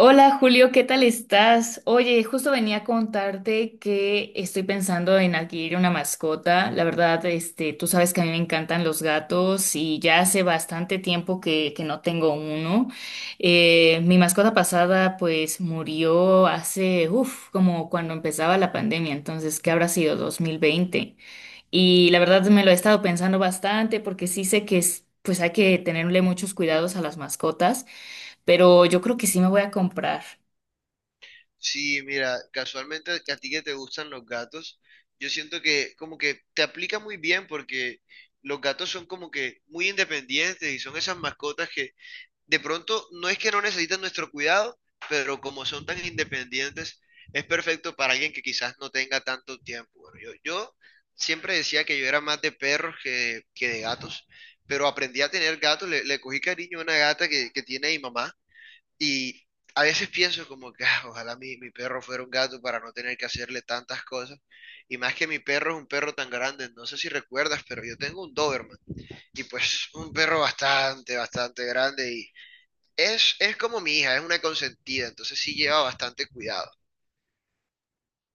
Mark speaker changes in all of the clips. Speaker 1: Hola, Julio, ¿qué tal estás? Oye, justo venía a contarte que estoy pensando en adquirir una mascota. La verdad, este, tú sabes que a mí me encantan los gatos y ya hace bastante tiempo que no tengo uno. Mi mascota pasada pues murió hace, uff, como cuando empezaba la pandemia, entonces, ¿qué habrá sido? 2020. Y la verdad me lo he estado pensando bastante porque sí sé que es, pues hay que tenerle muchos cuidados a las mascotas, pero yo creo que sí me voy a comprar.
Speaker 2: Sí, mira, casualmente a ti que te gustan los gatos, yo siento que como que te aplica muy bien porque los gatos son como que muy independientes y son esas mascotas que de pronto no es que no necesitan nuestro cuidado, pero como son tan independientes, es perfecto para alguien que quizás no tenga tanto tiempo. Bueno, yo siempre decía que yo era más de perros que de gatos, pero aprendí a tener gatos, le cogí cariño a una gata que tiene mi mamá y a veces pienso como que "Ah, ojalá mi perro fuera un gato para no tener que hacerle tantas cosas". Y más que mi perro es un perro tan grande, no sé si recuerdas, pero yo tengo un Doberman. Y pues un perro bastante, bastante grande. Y es como mi hija, es una consentida, entonces sí lleva bastante cuidado.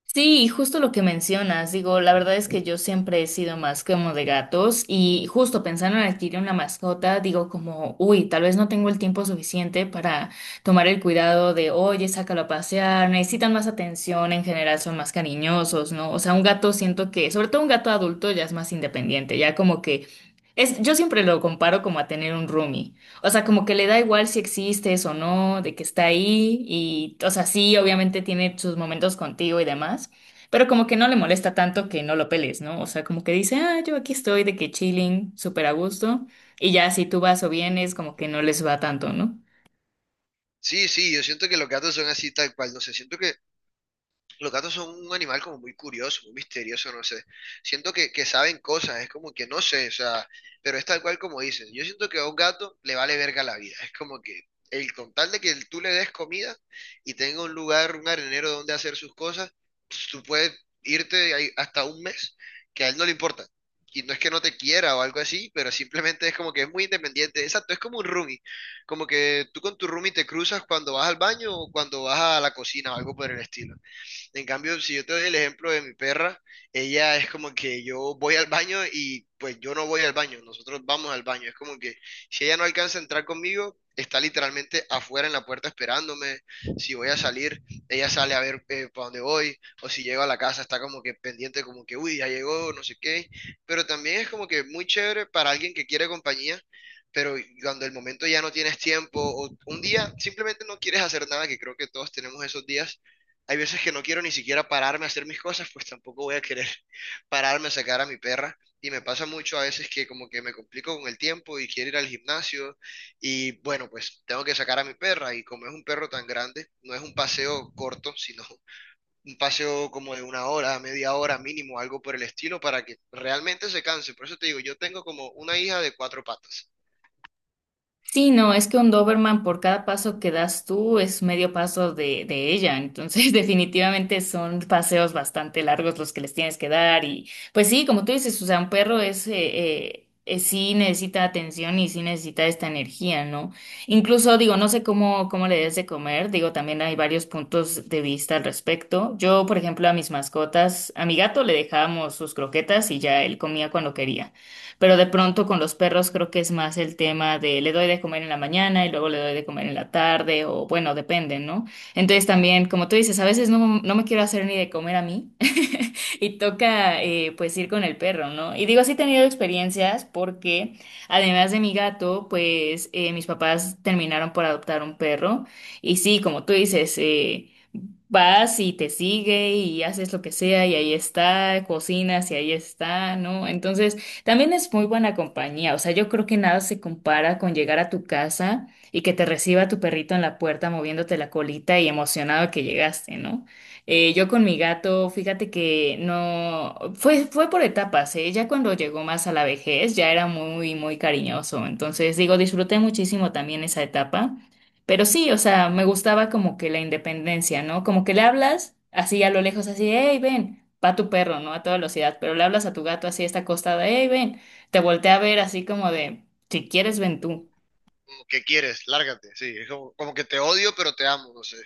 Speaker 1: Sí, justo lo que mencionas, digo, la verdad es que yo siempre he sido más como de gatos y justo pensando en adquirir una mascota, digo como, uy, tal vez no tengo el tiempo suficiente para tomar el cuidado de, oye, sácalo a pasear, necesitan más atención, en general son más cariñosos, ¿no? O sea, un gato siento que, sobre todo un gato adulto ya es más independiente, ya como que es, yo siempre lo comparo como a tener un roomie. O sea, como que le da igual si existes o no, de que está ahí y, o sea, sí, obviamente tiene sus momentos contigo y demás, pero como que no le molesta tanto que no lo peles, ¿no? O sea, como que dice, ah, yo aquí estoy de que chilling, súper a gusto, y ya si tú vas o vienes, como que no les va tanto, ¿no?
Speaker 2: Sí, sí, yo siento que los gatos son así tal cual. No sé, siento que los gatos son un animal como muy curioso, muy misterioso, no sé. Siento que saben cosas, es como que no sé, o sea, pero es tal cual como dices. Yo siento que a un gato le vale verga la vida. Es como que el con tal de que tú le des comida y tenga un lugar, un arenero donde hacer sus cosas, pues, tú puedes irte ahí hasta un mes, que a él no le importa. Y no es que no te quiera o algo así, pero simplemente es como que es muy independiente. Exacto, es como un roomie. Como que tú con tu roomie te cruzas cuando vas al baño o cuando vas a la cocina o algo por el estilo. En cambio, si yo te doy el ejemplo de mi perra, ella es como que yo voy al baño y pues yo no voy al baño, nosotros vamos al baño. Es como que si ella no alcanza a entrar conmigo, está literalmente afuera en la puerta esperándome. Si voy a salir, ella sale a ver para dónde voy. O si llego a la casa, está como que pendiente, como que, uy, ya llegó, no sé qué. Pero también es como que muy chévere para alguien que quiere compañía pero cuando el momento ya no tienes tiempo o un día simplemente no quieres hacer nada, que creo que todos tenemos esos días, hay veces que no quiero ni siquiera pararme a hacer mis cosas, pues tampoco voy a querer pararme a sacar a mi perra. Y me pasa mucho a veces que como que me complico con el tiempo y quiero ir al gimnasio y bueno, pues tengo que sacar a mi perra y como es un perro tan grande, no es un paseo corto, sino un paseo como de una hora, media hora mínimo, algo por el estilo, para que realmente se canse. Por eso te digo, yo tengo como una hija de cuatro patas.
Speaker 1: Sí, no, es que un Doberman por cada paso que das tú es medio paso de ella, entonces definitivamente son paseos bastante largos los que les tienes que dar y pues sí, como tú dices, o sea, un perro es, sí necesita atención y sí necesita esta energía, ¿no? Incluso digo, no sé cómo le des de comer, digo, también hay varios puntos de vista al respecto. Yo, por ejemplo, a mis mascotas, a mi gato le dejábamos sus croquetas y ya él comía cuando quería. Pero de pronto con los perros creo que es más el tema de le doy de comer en la mañana y luego le doy de comer en la tarde o bueno, depende, ¿no? Entonces también, como tú dices, a veces no, no me quiero hacer ni de comer a mí y toca pues ir con el perro, ¿no? Y digo, sí he tenido experiencias porque además de mi gato, pues mis papás terminaron por adoptar un perro y sí, como tú dices, vas y te sigue y haces lo que sea y ahí está, cocinas y ahí está, ¿no? Entonces, también es muy buena compañía, o sea, yo creo que nada se compara con llegar a tu casa y que te reciba tu perrito en la puerta moviéndote la colita y emocionado que llegaste, ¿no? Yo con mi gato, fíjate que no, fue por etapas, ¿eh? Ya cuando llegó más a la vejez, ya era muy, muy cariñoso, entonces digo, disfruté muchísimo también esa etapa. Pero sí, o sea, me gustaba como que la independencia, ¿no? Como que le hablas así a lo lejos, así, hey, ven, va tu perro, ¿no? A toda velocidad, pero le hablas a tu gato así, está acostado, hey, ven, te voltea a ver así como de, si quieres, ven tú.
Speaker 2: Como, ¿qué quieres? Lárgate. Sí, es como, como que te odio, pero te amo, no sé.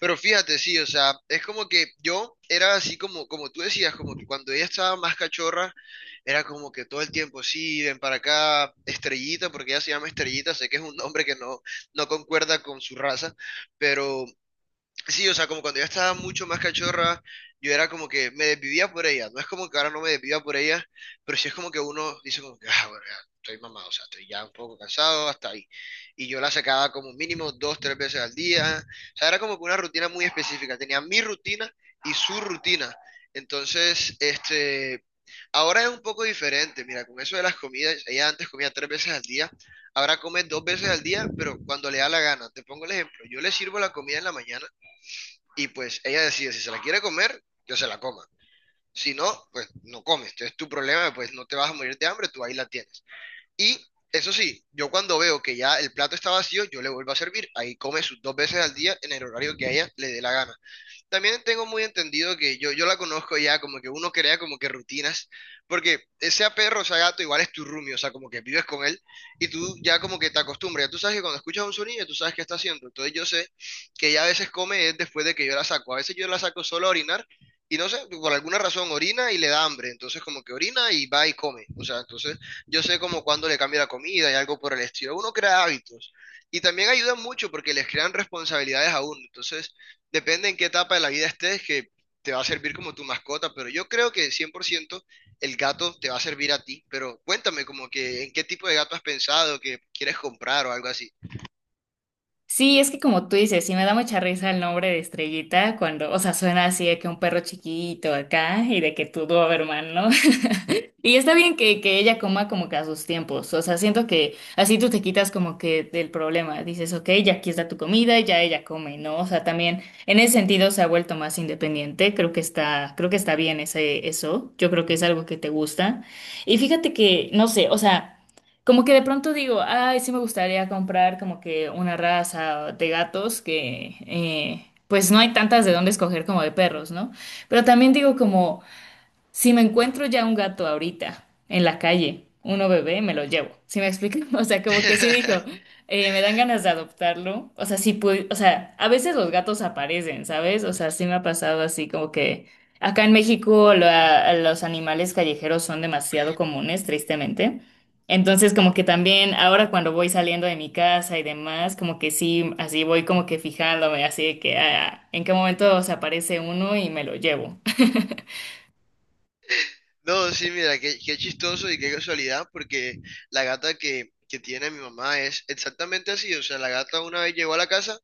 Speaker 2: Pero fíjate, sí, o sea, es como que yo era así como, como tú decías, como que cuando ella estaba más cachorra, era como que todo el tiempo, sí, ven para acá, Estrellita, porque ella se llama Estrellita, sé que es un nombre que no, no concuerda con su raza, pero sí, o sea, como cuando ella estaba mucho más cachorra, yo era como que me desvivía por ella. No es como que ahora no me desviva por ella, pero sí es como que uno dice como que, ah, bueno, ya estoy mamado, o sea, estoy ya un poco cansado, hasta ahí. Y yo la sacaba como mínimo dos, tres veces al día. O sea, era como que una rutina muy específica. Tenía mi rutina y su rutina. Entonces, ahora es un poco diferente. Mira, con eso de las comidas, ella antes comía tres veces al día. Ahora come dos veces al día, pero cuando le da la gana. Te pongo el ejemplo. Yo le sirvo la comida en la mañana y pues ella decide si se la quiere comer, yo se la coma. Si no, pues no comes. Entonces tu problema, pues no te vas a morir de hambre, tú ahí la tienes. Y eso sí, yo cuando veo que ya el plato está vacío, yo le vuelvo a servir. Ahí come sus dos veces al día en el horario que a ella le dé la gana. También tengo muy entendido que yo la conozco ya, como que uno crea como que rutinas, porque sea perro o sea gato, igual es tu roomie, o sea, como que vives con él y tú ya como que te acostumbras, ya tú sabes que cuando escuchas un sonido, tú sabes qué está haciendo, entonces yo sé que ella a veces come es después de que yo la saco, a veces yo la saco solo a orinar y no sé, por alguna razón orina y le da hambre, entonces como que orina y va y come, o sea, entonces yo sé como cuando le cambia la comida y algo por el estilo, uno crea hábitos y también ayuda mucho porque les crean responsabilidades a uno, entonces... Depende en qué etapa de la vida estés, que te va a servir como tu mascota, pero yo creo que 100% el gato te va a servir a ti, pero cuéntame como que en qué tipo de gato has pensado, que quieres comprar o algo así.
Speaker 1: Sí, es que como tú dices, sí me da mucha risa el nombre de Estrellita cuando, o sea, suena así de que un perro chiquito acá y de que tu Doberman, ¿no? Y está bien que ella coma como que a sus tiempos, o sea, siento que así tú te quitas como que del problema, dices, ok, ya aquí está tu comida y ya ella come, ¿no? O sea, también en ese sentido se ha vuelto más independiente, creo que está bien ese, eso, yo creo que es algo que te gusta. Y fíjate que, no sé, o sea... Como que de pronto digo, ay, sí me gustaría comprar como que una raza de gatos que, pues no hay tantas de dónde escoger como de perros, ¿no? Pero también digo como... Si me encuentro ya un gato ahorita en la calle, uno bebé, me lo llevo. ¿Sí me explico? O sea, como que sí dijo, me dan ganas de adoptarlo. O sea, sí pude, o sea, a veces los gatos aparecen, ¿sabes? O sea, sí me ha pasado así como que acá en México los animales callejeros son demasiado comunes, tristemente. Entonces, como que también ahora cuando voy saliendo de mi casa y demás, como que sí, así voy como que fijándome, así de que ah, en qué momento se aparece uno y me lo llevo.
Speaker 2: No, sí, mira, qué chistoso y qué casualidad, porque la gata que tiene mi mamá es exactamente así, o sea, la gata una vez llegó a la casa,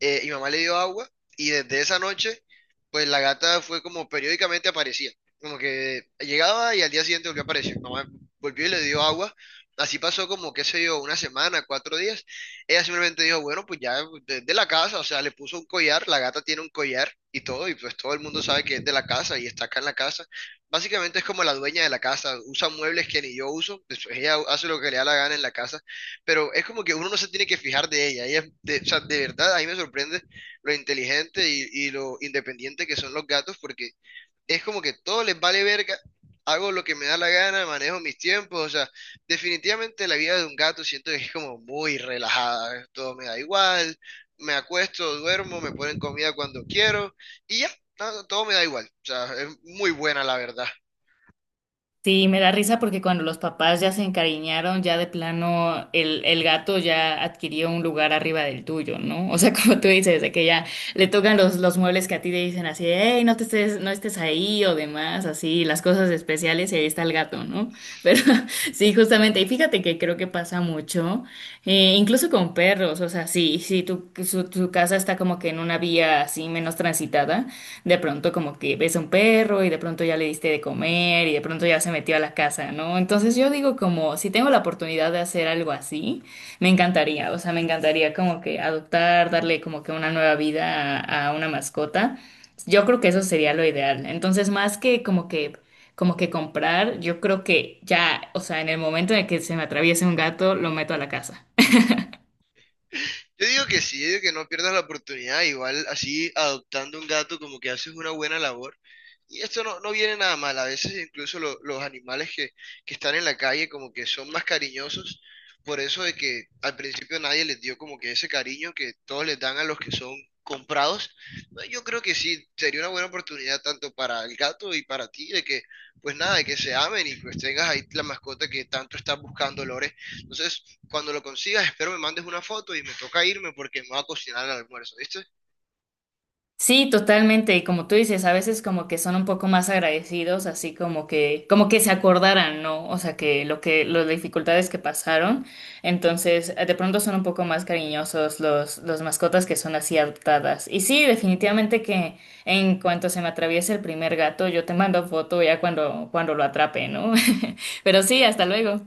Speaker 2: mi mamá le dio agua y desde esa noche, pues la gata fue como periódicamente aparecía. Como que llegaba y al día siguiente volvió a aparecer. Mi mamá volvió y le dio agua. Así pasó como, qué sé yo, una semana, cuatro días. Ella simplemente dijo, bueno, pues ya es de la casa, o sea, le puso un collar, la gata tiene un collar y todo, y pues todo el mundo sabe que es de la casa y está acá en la casa. Básicamente es como la dueña de la casa, usa muebles que ni yo uso, pues ella hace lo que le da la gana en la casa pero es como que uno no se tiene que fijar de ella. Ella es de, o sea, de verdad, ahí me sorprende lo inteligente y lo independiente que son los gatos, porque es como que todo les vale verga, hago lo que me da la gana, manejo mis tiempos, o sea, definitivamente la vida de un gato siento que es como muy relajada, ¿eh? Todo me da igual, me acuesto, duermo, me ponen comida cuando quiero y ya, no, todo me da igual, o sea, es muy buena la verdad.
Speaker 1: Sí, me da risa porque cuando los papás ya se encariñaron, ya de plano el gato ya adquirió un lugar arriba del tuyo, ¿no? O sea, como tú dices, de que ya le tocan los muebles que a ti te dicen así, hey, no te estés, no estés ahí o demás, así, las cosas especiales y ahí está el gato, ¿no? Pero sí, justamente, y fíjate que creo que pasa mucho, incluso con perros, o sea, sí, sí, tu casa está como que en una vía así menos transitada de pronto como que ves a un perro y de pronto ya le diste de comer y de pronto ya se metió a la casa, ¿no? Entonces yo digo como si tengo la oportunidad de hacer algo así, me encantaría, o sea, me encantaría como que adoptar, darle como que una nueva vida a una mascota. Yo creo que eso sería lo ideal. Entonces, más que como que comprar, yo creo que ya, o sea, en el momento en el que se me atraviese un gato, lo meto a la casa.
Speaker 2: Yo digo que sí, yo digo que no pierdas la oportunidad, igual así adoptando un gato como que haces una buena labor. Y esto no, no viene nada mal. A veces incluso los animales que están en la calle como que son más cariñosos por eso de que al principio nadie les dio como que ese cariño que todos les dan a los que son comprados. No, yo creo que sí, sería una buena oportunidad tanto para el gato y para ti de que, pues nada, de que se amen y pues tengas ahí la mascota que tanto estás buscando, Lore. Entonces, cuando lo consigas, espero me mandes una foto y me toca irme porque me va a cocinar el almuerzo, ¿viste?
Speaker 1: Sí, totalmente. Y como tú dices, a veces como que son un poco más agradecidos, así como que se acordaran, ¿no? O sea, que lo que, las dificultades que pasaron. Entonces, de pronto son un poco más cariñosos los mascotas que son así adoptadas. Y sí, definitivamente que en cuanto se me atraviese el primer gato, yo te mando foto ya cuando lo atrape, ¿no? Pero sí, hasta luego.